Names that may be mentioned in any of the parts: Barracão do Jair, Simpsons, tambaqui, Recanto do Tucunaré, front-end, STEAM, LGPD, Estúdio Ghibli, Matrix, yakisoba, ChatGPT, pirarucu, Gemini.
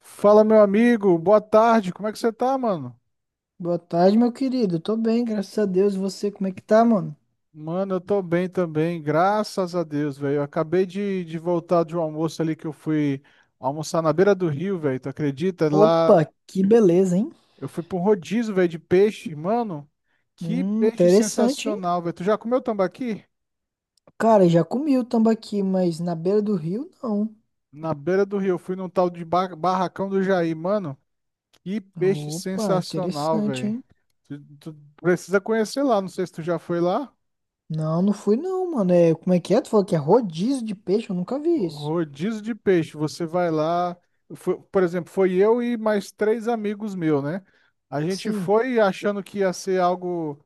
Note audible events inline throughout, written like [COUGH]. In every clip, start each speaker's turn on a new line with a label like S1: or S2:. S1: Fala, meu amigo, boa tarde, como é que você tá, mano?
S2: Boa tarde, meu querido. Tô bem, graças a Deus. E você, como é que tá, mano?
S1: Mano, eu tô bem também, graças a Deus, velho. Eu acabei de voltar de um almoço ali que eu fui almoçar na beira do rio, velho, tu acredita? Lá
S2: Opa, que beleza, hein?
S1: eu fui pra um rodízio, velho, de peixe, mano, que peixe
S2: Interessante, hein?
S1: sensacional, velho. Tu já comeu tambaqui?
S2: Cara, já comi o tambaqui, mas na beira do rio, não.
S1: Na beira do rio, eu fui num tal de Barracão do Jair, mano, que peixe
S2: Opa,
S1: sensacional,
S2: interessante,
S1: velho.
S2: hein?
S1: Tu precisa conhecer lá, não sei se tu já foi lá.
S2: Não, não fui não, mano. É, como é que é? Tu falou que é rodízio de peixe? Eu nunca vi isso.
S1: Rodízio de peixe, você vai lá, por exemplo, foi eu e mais três amigos meus, né? A gente
S2: Sim.
S1: foi achando que ia ser algo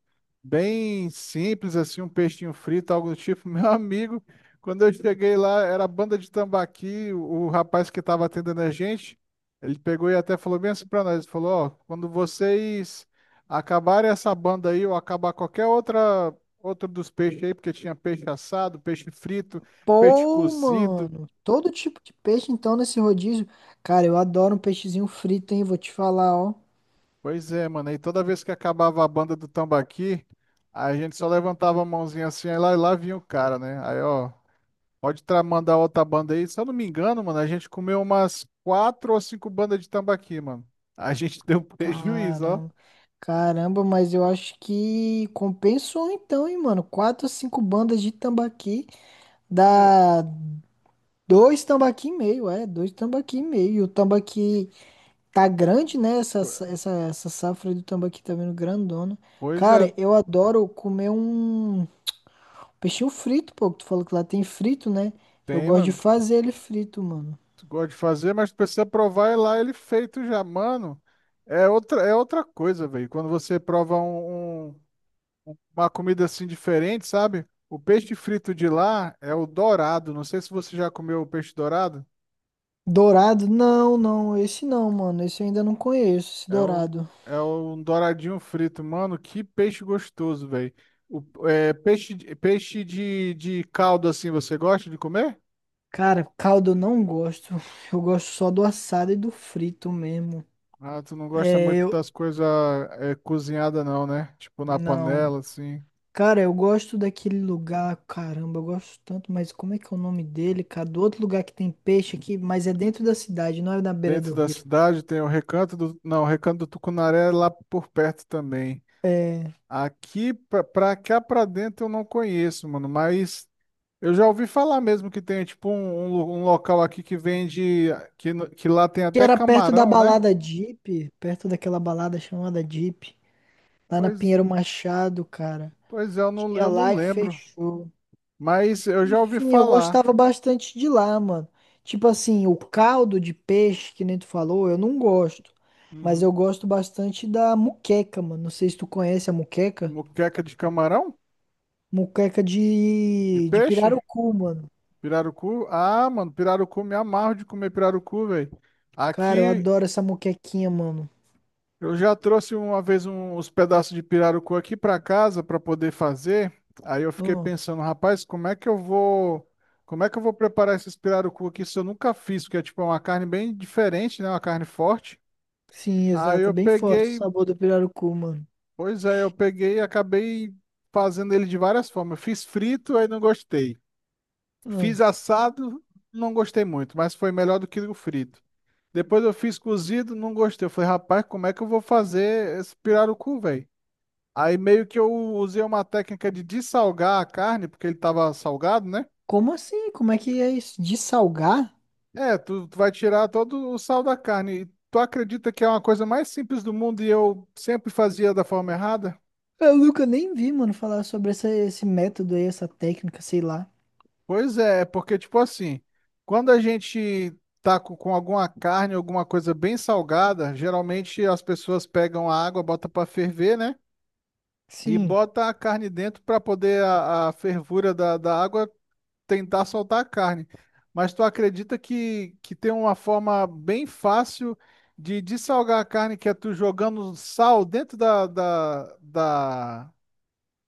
S1: bem simples, assim, um peixinho frito, algo do tipo. [LAUGHS] Meu amigo, quando eu cheguei lá, era a banda de tambaqui, o rapaz que estava atendendo a gente, ele pegou e até falou bem assim pra nós, ele falou, ó, quando vocês acabarem essa banda aí, ou acabar qualquer outro dos peixes aí, porque tinha peixe assado, peixe frito, peixe
S2: Pô,
S1: cozido.
S2: mano. Todo tipo de peixe, então, nesse rodízio. Cara, eu adoro um peixezinho frito, hein? Vou te falar, ó.
S1: Pois é, mano. E toda vez que acabava a banda do tambaqui, a gente só levantava a mãozinha assim, aí lá, lá vinha o cara, né? Aí, ó, pode mandar outra banda aí. Se eu não me engano, mano, a gente comeu umas quatro ou cinco bandas de tambaqui, mano. A gente [LAUGHS] deu prejuízo, ó.
S2: Caramba. Caramba, mas eu acho que compensou então, hein, mano? Quatro, cinco bandas de tambaqui
S1: É,
S2: dá dois tambaqui e meio, é, dois tambaqui e meio. E o tambaqui tá
S1: pe-
S2: grande, né? Essa safra aí do tambaqui tá vindo grandona.
S1: Pois é,
S2: Cara, eu adoro comer um peixinho frito, pô. Que Tu falou que lá tem frito, né? Eu
S1: tem,
S2: gosto de
S1: mano.
S2: fazer ele frito, mano.
S1: Tu gosta de fazer, mas tu precisa provar e lá ele feito já, mano. É outra coisa, velho. Quando você prova uma comida assim diferente, sabe? O peixe frito de lá é o dourado. Não sei se você já comeu o peixe dourado.
S2: Dourado? Não, não, esse não, mano. Esse eu ainda não conheço, esse
S1: É um,
S2: dourado.
S1: é um douradinho frito. Mano, que peixe gostoso, velho. O é, peixe, de- Peixe de caldo assim, você gosta de comer?
S2: Cara, caldo eu não gosto. Eu gosto só do assado e do frito mesmo.
S1: Ah, tu não gosta
S2: É,
S1: muito
S2: eu.
S1: das coisas cozinhadas não, né? Tipo na
S2: Não.
S1: panela, assim.
S2: Cara, eu gosto daquele lugar. Caramba, eu gosto tanto, mas como é que é o nome dele, cara? Do outro lugar que tem peixe aqui, mas é dentro da cidade, não é na beira do
S1: Dentro da
S2: rio.
S1: cidade tem o Recanto do... Não, o Recanto do Tucunaré é lá por perto também.
S2: É.
S1: Aqui, pra cá pra dentro eu não conheço, mano, mas eu já ouvi falar mesmo que tem tipo um local aqui que vende, que, no- que lá tem
S2: Que
S1: até
S2: era perto da
S1: camarão, né?
S2: balada Jeep, perto daquela balada chamada Jeep, lá na
S1: Pois,
S2: Pinheiro Machado, cara.
S1: pois é,
S2: Tinha
S1: eu não
S2: lá e
S1: lembro.
S2: fechou.
S1: Mas eu já ouvi
S2: Enfim, eu
S1: falar.
S2: gostava bastante de lá, mano. Tipo assim, o caldo de peixe, que nem tu falou, eu não gosto. Mas eu
S1: Uhum.
S2: gosto bastante da muqueca, mano. Não sei se tu conhece a muqueca.
S1: Moqueca de camarão?
S2: Muqueca
S1: De
S2: de
S1: peixe?
S2: pirarucu, mano.
S1: Pirarucu? Ah, mano, pirarucu, me amarro de comer pirarucu, velho.
S2: Cara, eu
S1: Aqui
S2: adoro essa muquequinha, mano.
S1: eu já trouxe uma vez uns pedaços de pirarucu aqui para casa para poder fazer. Aí eu fiquei
S2: Hum,
S1: pensando, rapaz, como é que eu vou preparar esses pirarucu aqui se eu nunca fiz, porque é tipo é uma carne bem diferente, né? Uma carne forte.
S2: sim,
S1: Aí
S2: exato. É,
S1: eu
S2: bem forte o
S1: peguei,
S2: sabor do pirarucu, mano.
S1: pois é, eu peguei e acabei fazendo ele de várias formas. Eu fiz frito, aí não gostei.
S2: Hum,
S1: Fiz assado, não gostei muito, mas foi melhor do que o frito. Depois eu fiz cozido, não gostei. Eu falei, rapaz, como é que eu vou fazer esse pirarucu, velho? Aí meio que eu usei uma técnica de dessalgar a carne, porque ele tava salgado, né?
S2: como assim? Como é que é isso? De salgar?
S1: É, tu vai tirar todo o sal da carne. E tu acredita que é uma coisa mais simples do mundo e eu sempre fazia da forma errada?
S2: Eu nunca nem vi, mano, falar sobre essa, esse método aí, essa técnica, sei lá.
S1: Pois é, é porque tipo assim, quando a gente tá com alguma carne, alguma coisa bem salgada, geralmente as pessoas pegam a água, botam para ferver, né? E
S2: Sim.
S1: bota a carne dentro para poder a fervura da água tentar soltar a carne. Mas tu acredita que tem uma forma bem fácil de dessalgar a carne, que é tu jogando sal dentro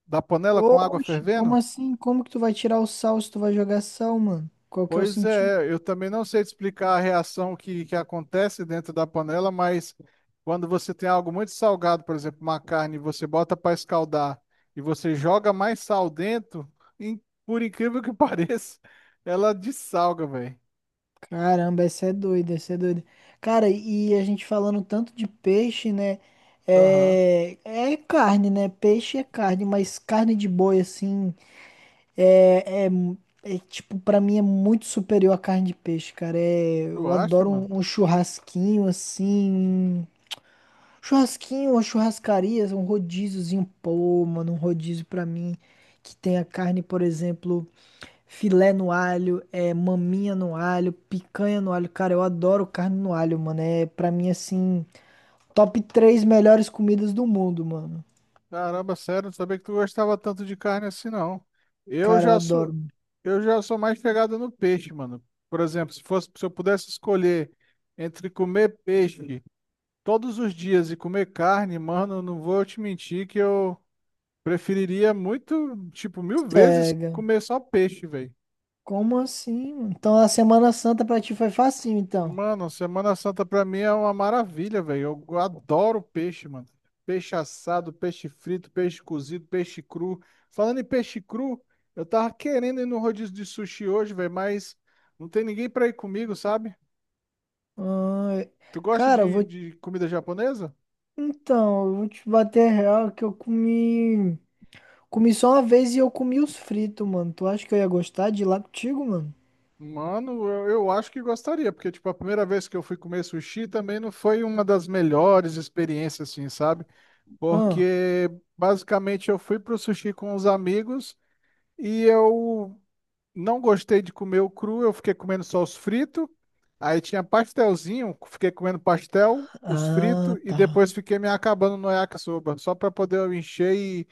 S1: da panela com água
S2: Oxe, como
S1: fervendo?
S2: assim? Como que tu vai tirar o sal se tu vai jogar sal, mano? Qual que é o
S1: Pois
S2: sentido?
S1: é, eu também não sei te explicar a reação que acontece dentro da panela, mas quando você tem algo muito salgado, por exemplo, uma carne, você bota para escaldar e você joga mais sal dentro, in- por incrível que [LAUGHS] pareça, ela dessalga, velho.
S2: Caramba, essa é doida, essa é doida. Cara, e a gente falando tanto de peixe, né?
S1: Aham.
S2: É carne, né? Peixe é carne, mas carne de boi, assim, é, é, tipo, pra mim é muito superior à carne de peixe, cara. É,
S1: Tu
S2: eu
S1: acha,
S2: adoro
S1: mano?
S2: um churrasquinho, assim. Churrasquinho, uma churrascaria, um rodíziozinho, pô, mano, um rodízio pra mim que tenha carne, por exemplo, filé no alho, é, maminha no alho, picanha no alho. Cara, eu adoro carne no alho, mano. É pra mim assim, top três melhores comidas do mundo, mano.
S1: Caramba, sério, não sabia que tu gostava tanto de carne assim, não. Eu
S2: Cara, eu
S1: já sou,
S2: adoro.
S1: eu já sou mais chegado no peixe, mano. Por exemplo, se eu pudesse escolher entre comer peixe todos os dias e comer carne, mano, não vou te mentir que eu preferiria muito, tipo, mil vezes
S2: Cega.
S1: comer só peixe, velho.
S2: Como assim, mano? Então a Semana Santa pra ti foi facinho, então.
S1: Mano, Semana Santa pra mim é uma maravilha, velho. Eu adoro peixe, mano. Peixe assado, peixe frito, peixe cozido, peixe cru. Falando em peixe cru, eu tava querendo ir no rodízio de sushi hoje, velho, mas não tem ninguém pra ir comigo, sabe?
S2: Ah,
S1: Tu gosta
S2: cara, eu vou.
S1: de comida japonesa?
S2: Então, eu vou te bater real que eu comi. Comi só uma vez e eu comi os fritos, mano. Tu acha que eu ia gostar de ir lá contigo, mano?
S1: Mano, eu acho que gostaria, porque, tipo, a primeira vez que eu fui comer sushi também não foi uma das melhores experiências, assim, sabe?
S2: Ah,
S1: Porque, basicamente, eu fui pro sushi com os amigos e eu não gostei de comer o cru, eu fiquei comendo só os fritos. Aí tinha pastelzinho, fiquei comendo pastel, os
S2: ah,
S1: fritos e
S2: tá.
S1: depois fiquei me acabando no yakisoba, só para poder eu encher e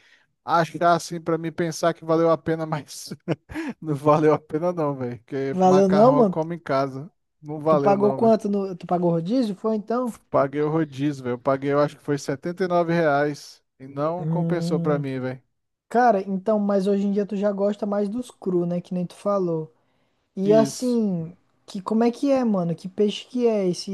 S1: achar assim para mim pensar que valeu a pena, mas [LAUGHS] não valeu a pena não, velho, porque
S2: Valeu não,
S1: macarrão eu
S2: mano?
S1: como em casa. Não
S2: Tu
S1: valeu
S2: pagou
S1: não, velho.
S2: quanto no... Tu pagou rodízio? Foi então?
S1: Paguei o rodízio, velho. Eu paguei, eu acho que foi R$ 79 e não compensou para
S2: Hum,
S1: mim, velho.
S2: cara, então, mas hoje em dia tu já gosta mais dos cru, né? Que nem tu falou. E
S1: Isso.
S2: assim, que como é que é, mano? Que peixe que é esse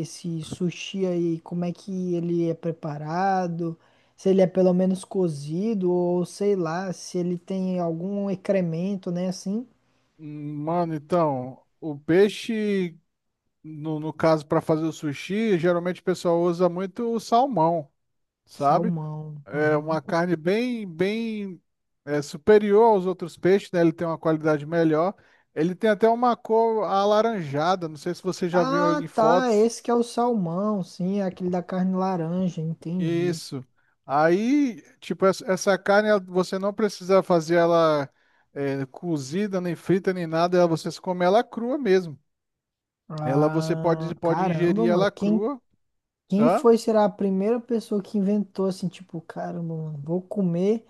S2: esse sushi aí? Como é que ele é preparado? Se ele é pelo menos cozido ou sei lá, se ele tem algum excremento, né? Assim.
S1: Mano, então, o peixe no caso, para fazer o sushi, geralmente o pessoal usa muito o salmão, sabe?
S2: Salmão.
S1: É
S2: Aham.
S1: uma carne superior aos outros peixes, né? Ele tem uma qualidade melhor. Ele tem até uma cor alaranjada, não sei se você já viu
S2: Ah,
S1: em
S2: tá.
S1: fotos.
S2: Esse que é o salmão, sim, é aquele da carne laranja, entendi.
S1: Isso. Aí, tipo, essa carne você não precisa fazer ela cozida, nem frita, nem nada. Ela, você come ela crua mesmo. Ela você pode,
S2: Ah,
S1: pode ingerir
S2: caramba, mano.
S1: ela
S2: Quem,
S1: crua.
S2: quem
S1: Hã?
S2: foi será a primeira pessoa que inventou assim, tipo, caramba, mano, vou comer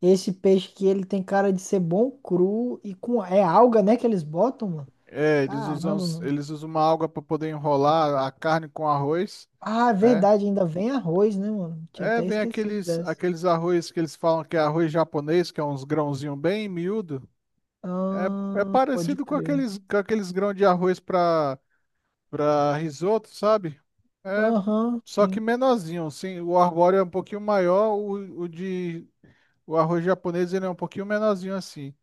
S2: esse peixe que ele tem cara de ser bom cru e com é alga, né, que eles botam, mano?
S1: É, eles usam,
S2: Caramba, mano.
S1: eles usam uma alga para poder enrolar a carne com arroz,
S2: Ah, é
S1: né?
S2: verdade, ainda vem arroz, né, mano? Tinha
S1: É,
S2: até
S1: vem
S2: esquecido
S1: aqueles,
S2: dessa.
S1: aqueles arroz que eles falam que é arroz japonês, que é uns grãozinhos bem miúdo. É
S2: Ah, pode
S1: parecido
S2: crer.
S1: com aqueles grãos de arroz para risoto, sabe? É,
S2: Aham,
S1: só que
S2: sim.
S1: menorzinho, sim. O arbóreo é um pouquinho maior, o arroz japonês ele é um pouquinho menorzinho assim.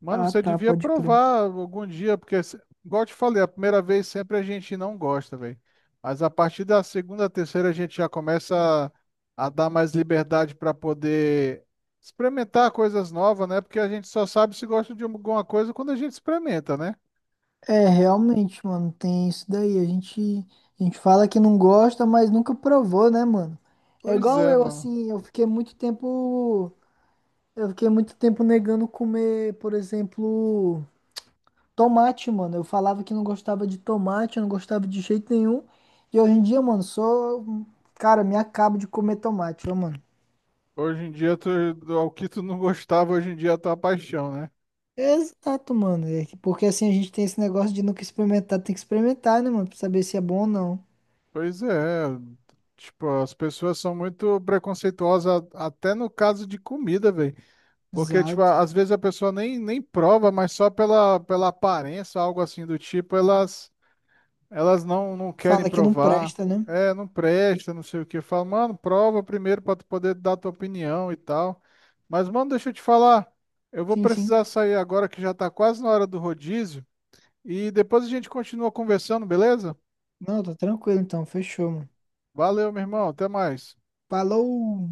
S1: Mano,
S2: Ah,
S1: você
S2: tá,
S1: devia
S2: pode crer.
S1: provar algum dia, porque, igual eu te falei, a primeira vez sempre a gente não gosta, velho. Mas a partir da segunda, terceira, a gente já começa a dar mais liberdade para poder experimentar coisas novas, né? Porque a gente só sabe se gosta de alguma coisa quando a gente experimenta, né?
S2: É, realmente, mano, tem isso daí. A gente fala que não gosta, mas nunca provou, né, mano? É
S1: Pois
S2: igual
S1: é,
S2: eu,
S1: mano.
S2: assim, eu fiquei muito tempo negando comer, por exemplo, tomate, mano. Eu falava que não gostava de tomate, eu não gostava de jeito nenhum. E hoje em dia, mano, sou, cara, me acabo de comer tomate, ó, mano.
S1: Hoje em dia, tu, ao que tu não gostava, hoje em dia é a tua paixão, né?
S2: Exato, mano. Porque assim a gente tem esse negócio de nunca experimentar, tem que experimentar, né, mano, pra saber se é bom ou não.
S1: Pois é. Tipo, as pessoas são muito preconceituosas, até no caso de comida, velho. Porque, tipo,
S2: Exato.
S1: às vezes a pessoa nem prova, mas só pela aparência, algo assim do tipo, elas não querem
S2: Fala que não
S1: provar.
S2: presta, né?
S1: É, não presta, não sei o que. Fala, mano, prova primeiro pra tu poder dar tua opinião e tal. Mas, mano, deixa eu te falar. Eu vou
S2: Sim, sim.
S1: precisar sair agora que já tá quase na hora do rodízio. E depois a gente continua conversando, beleza?
S2: Não, tá tranquilo então. Fechou, mano.
S1: Valeu, meu irmão. Até mais.
S2: Falou!